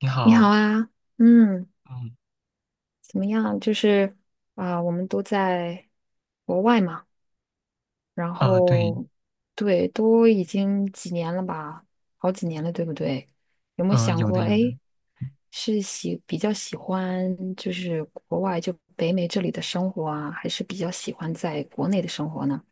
你你好好。啊，嗯，嗯。怎么样？就是啊、我们都在国外嘛，然对。后对，都已经几年了吧，好几年了，对不对？有没有想有的过，有的。哎，比较喜欢就是国外就北美这里的生活啊，还是比较喜欢在国内的生活呢？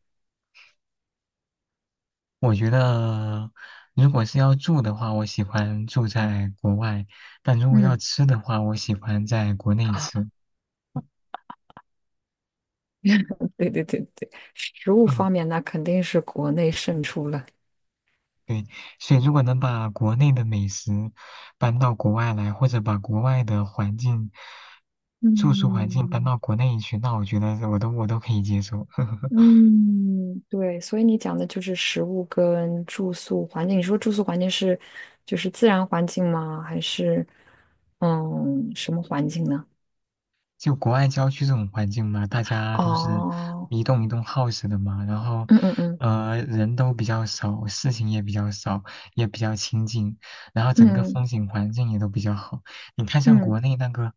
我觉得如果是要住的话，我喜欢住在国外，但如果要嗯，吃的话，我喜欢在国内啊，吃。对对对对，食物嗯，方面那肯定是国内胜出了。对，所以如果能把国内的美食搬到国外来，或者把国外的环境、住宿环境搬嗯。到国内去，那我觉得我都可以接受。嗯，对，所以你讲的就是食物跟住宿环境。你说住宿环境是就是自然环境吗？还是什么环境呢？就国外郊区这种环境嘛，大 家都是哦，一栋一栋 house 的嘛，然后，嗯嗯嗯人都比较少，事情也比较少，也比较清静，然后整个嗯风景环境也都比较好。你看像嗯，国内那个，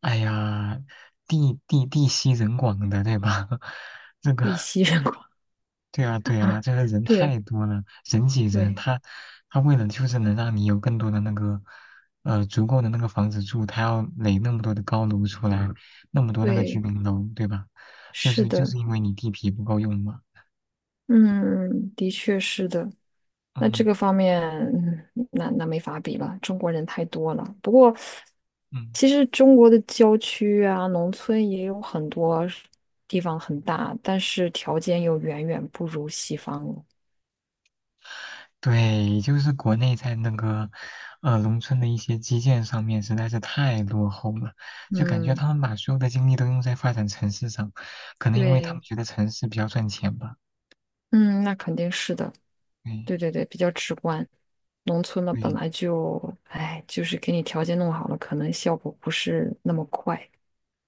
哎呀，地稀人广的，对吧？这以个。息人观 对啊，对啊，啊，就是人对太多了，人挤人，对他为了就是能让你有更多的那个，足够的那个房子住，他要垒那么多的高楼出来，那么多那个居对，民楼，对吧？就是是就的，是因为你地皮不够用嘛。嗯，的确是的。那这嗯个方面，那没法比了，中国人太多了。不过，嗯，其实中国的郊区啊、农村也有很多是地方很大，但是条件又远远不如西方了。对，就是国内在那个，农村的一些基建上面实在是太落后了，就感觉嗯，他们把所有的精力都用在发展城市上，可能因为他们对，觉得城市比较赚钱吧。嗯，那肯定是的，对对对对，比较直观。农村嘛，本对。来就，哎，就是给你条件弄好了，可能效果不是那么快，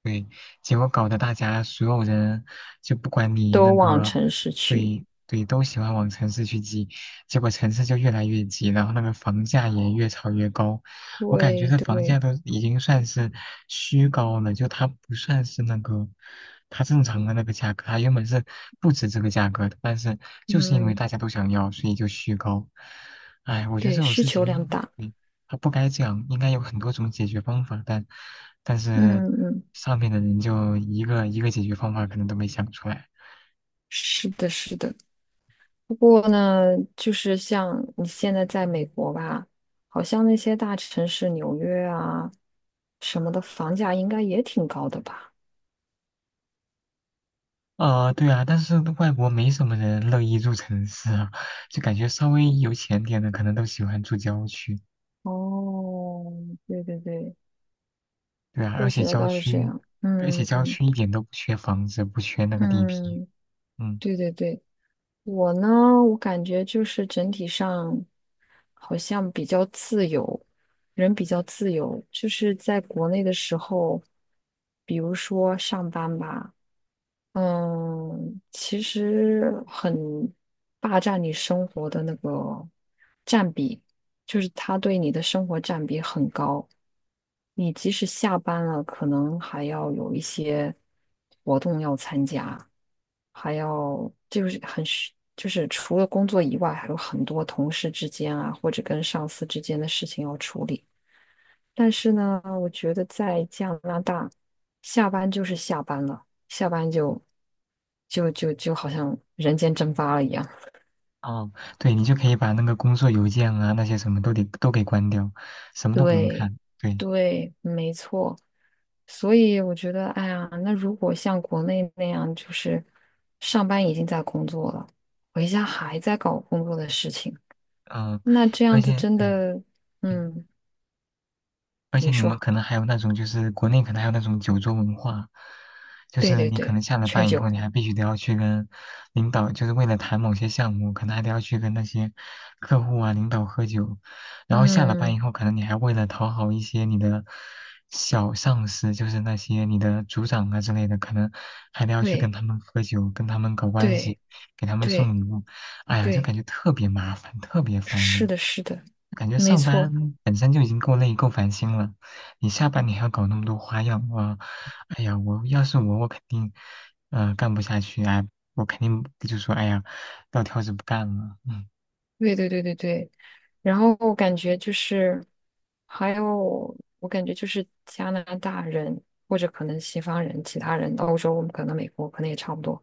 对，结果搞得大家所有人就不管你那都往个，城市去。对对，都喜欢往城市去挤，结果城市就越来越挤，然后那个房价也越炒越高。我感觉对这房价对，都已经算是虚高了，就它不算是那个它正常的那个价格，它原本是不止这个价格的，但是就是因为嗯，大家都想要，所以就虚高。哎，我觉得对，这种需事求量情，大。嗯他不该这样，应该有很多种解决方法，但是嗯嗯。上面的人就一个一个解决方法可能都没想出来。是的，是的。不过呢，就是像你现在在美国吧，好像那些大城市，纽约啊什么的，房价应该也挺高的吧？对啊，但是外国没什么人乐意住城市啊，就感觉稍微有钱点的可能都喜欢住郊区，哦，对对对，对啊，说而且起来郊倒是这区，样。而且嗯郊嗯区一点都不缺房子，不缺那个地皮。嗯，嗯，对对对，我呢，我感觉就是整体上好像比较自由，人比较自由。就是在国内的时候，比如说上班吧。嗯，其实很霸占你生活的那个占比，就是他对你的生活占比很高。你即使下班了，可能还要有一些活动要参加，还要就是就是除了工作以外，还有很多同事之间啊，或者跟上司之间的事情要处理。但是呢，我觉得在加拿大，下班就是下班了，下班就好像人间蒸发了一样。哦，对，你就可以把那个工作邮件啊那些什么都给关掉，什么都不用对，看，对。对，没错。所以我觉得，哎呀，那如果像国内那样，就是上班已经在工作了，回家还在搞工作的事情，嗯、那这而样子且真对。的，嗯。嗯，而且你你说，们可能还有那种，就是国内可能还有那种酒桌文化，就对是对你可对，能下了劝班以酒，后，你还必须得要去跟领导，就是为了谈某些项目，可能还得要去跟那些客户啊、领导喝酒，然后下了班嗯，以后，可能你还为了讨好一些你的小上司，就是那些你的组长啊之类的，可能还得要去跟对他们喝酒，跟他们搞关系，对给他们送对礼物。哎呀，就对。感觉特别麻烦，特别烦是人。的，是的，感觉没上错，班本身就已经够累、够烦心了，你下班你还要搞那么多花样。我，哎呀，我要是我，我肯定，干不下去。哎，我肯定就说，哎呀，撂挑子不干了。嗯对对对对对。然后我感觉就是，还有我感觉就是加拿大人或者可能西方人、其他人，欧洲可能美国可能也差不多，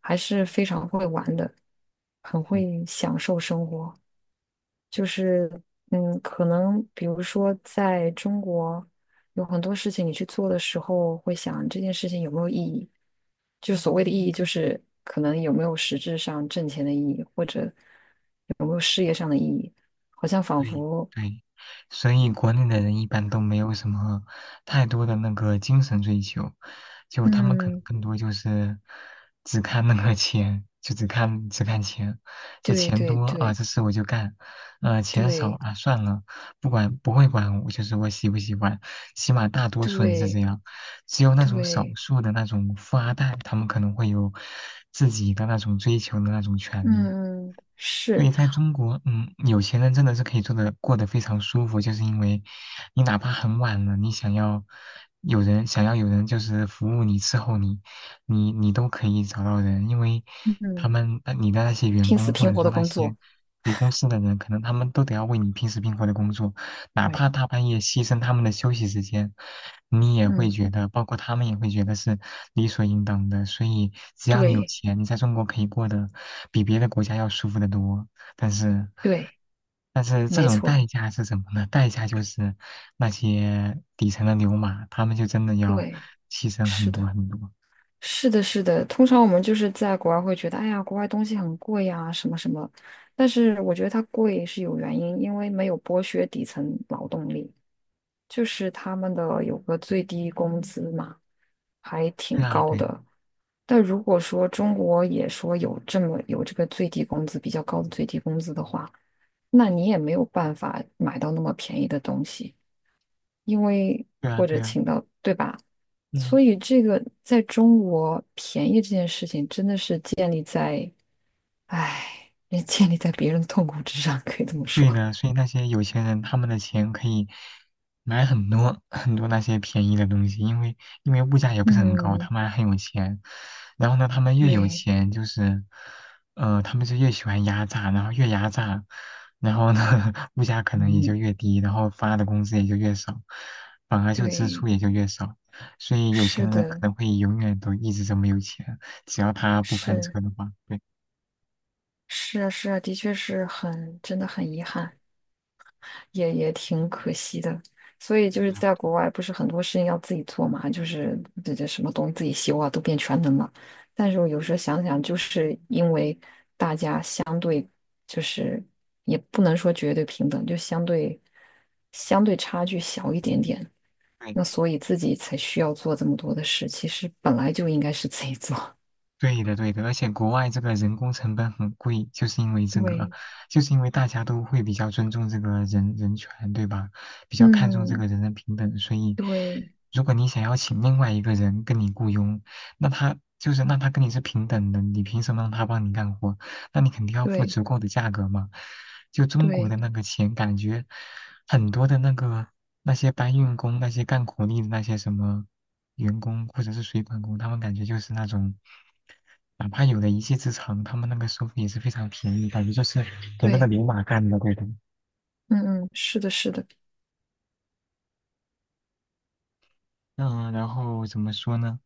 还是非常会玩的，很嗯。会享受生活。就是可能比如说在中国。有很多事情你去做的时候，会想这件事情有没有意义。就所谓的意义，就是可能有没有实质上挣钱的意义，或者有没有事业上的意义，好像仿对佛，对，所以国内的人一般都没有什么太多的那个精神追求，就他们可能嗯，更多就是只看那个钱，就只看钱。这对钱对多啊，对这事我就干，钱少对啊，算了，不管不会管我，就是我喜不喜欢，起码大多数人是这对样。只有那种少对，数的那种富二代，他们可能会有自己的那种追求的那种权利。嗯，所是，以，在中国，嗯，有钱人真的是可以做的过得非常舒服，就是因为你哪怕很晚了，你想要有人想要有人就是服务你伺候你，你都可以找到人，因为他嗯，们你的那些员拼死工或拼者活说的那工些作，你公司的人，可能他们都得要为你拼死拼活的工作，哪对，怕大半夜牺牲他们的休息时间，你也会嗯，觉得，包括他们也会觉得是理所应当的。所以，只要你有对钱，你在中国可以过得比别的国家要舒服得多。但是，对，但是这没种错，代价是什么呢？代价就是那些底层的牛马，他们就真的要对，牺牲很是多的。很多。是的，是的，通常我们就是在国外会觉得，哎呀，国外东西很贵呀，什么什么。但是我觉得它贵是有原因，因为没有剥削底层劳动力，就是他们的有个最低工资嘛，还对挺啊，高对啊的。但如果说中国也说有这么有这个最低工资比较高的最低工资的话，那你也没有办法买到那么便宜的东西。因为对啊，或者对啊。请到，对吧？嗯。所以这个在中国便宜这件事情，真的是建立在，唉，也建立在别人的痛苦之上，可以这么说。对的，所以那些有钱人他们的钱可以买很多 很多那些便宜的东西，因为因为物价也不是很高，他嗯，们还很有钱。然后呢，他们越有对，钱，就是他们就越喜欢压榨，然后越压榨，然后呢，物价可能也就嗯，越低，然后发的工资也就越少，反而就支对，出也就越少。所以有是钱人可的，能会永远都一直这么有钱，只要他不翻是车的话，对是啊，是啊，的确是很，真的很遗憾。也挺可惜的。所以就是对啊，在国外，不是很多事情要自己做嘛，就是这什么东西自己修啊，都变全能了。但是我有时候想想，就是因为大家相对就是也不能说绝对平等，就相对差距小一点点，对。那所以自己才需要做这么多的事。其实本来就应该是自己做。对的，对的，而且国外这个人工成本很贵，就是因为这个，对，就是因为大家都会比较尊重这个人人权，对吧？比较看重这个嗯，人人平等，所以对如果你想要请另外一个人跟你雇佣，那他就是那他跟你是平等的，你凭什么让他帮你干活？那你肯定要付对足够的价格嘛。就中国对的那个钱，感觉很多的那个那些搬运工、那些干苦力的那些什么员工或者是水管工，他们感觉就是那种。哪怕有了一技之长，他们那个收费也是非常便宜，感觉就是给那个对，牛马干的，对的。嗯嗯，是的，是的。嗯，然后怎么说呢？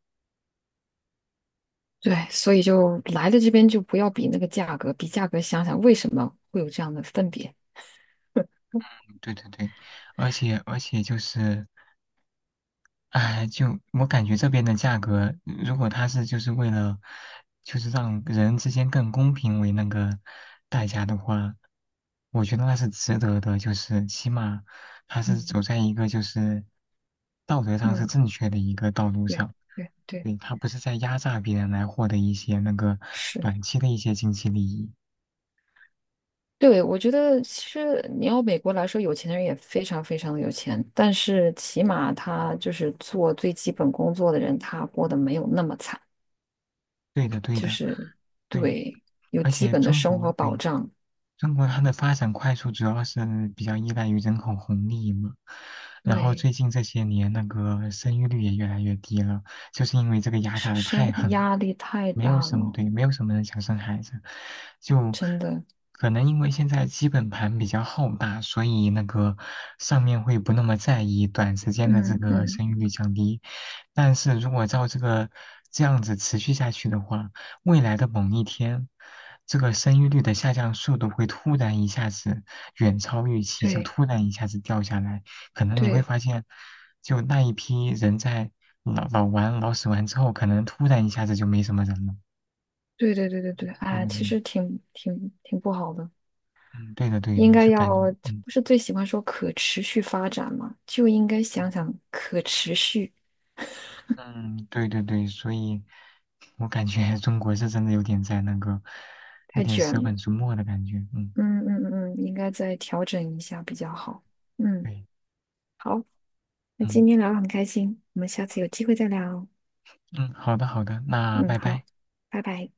对，所以就来了这边就不要比那个价格，比价格想想为什么会有这样的分别。对对对，而且就是，哎，就我感觉这边的价格，如果他是就是为了，就是让人之间更公平为那个代价的话，我觉得那是值得的，就是起码他是走嗯在一个就是道德上是嗯，正确的一个道路对上，对对，对，他不是在压榨别人来获得一些那个是，短期的一些经济利益。对，我觉得其实你要美国来说，有钱的人也非常非常的有钱，但是起码他就是做最基本工作的人，他过得没有那么惨，对的，对就的，是对，对，有而基且本的中生国活保对。障，中国它的发展快速，主要是比较依赖于人口红利嘛。然后对，最近这些年，那个生育率也越来越低了，就是因为这个压榨的太狠压力太没有大什么了，对，没有什么人想生孩子，就真的，可能因为现在基本盘比较浩大，所以那个上面会不那么在意短时间的这嗯个嗯，生育率降低。但是如果照这个这样子持续下去的话，未来的某一天，这个生育率的下降速度会突然一下子远超预期，就对突然一下子掉下来，可能你会对。发现，就那一批人在老死完之后，可能突然一下子就没什么人了。对对对对对，对哎，的，其对，实挺不好的，嗯，对的，对应的，该就感觉，要，嗯不是最喜欢说可持续发展嘛，就应该想想可持续，嗯，对对对，所以我感觉 中国是真的有点在那个，有太点卷舍了。本逐末的感觉。嗯，嗯嗯嗯，应该再调整一下比较好。嗯，对，好，那今嗯天聊得很开心，我们下次有机会再聊哦。嗯，好的好的，那嗯，拜好，拜。拜拜。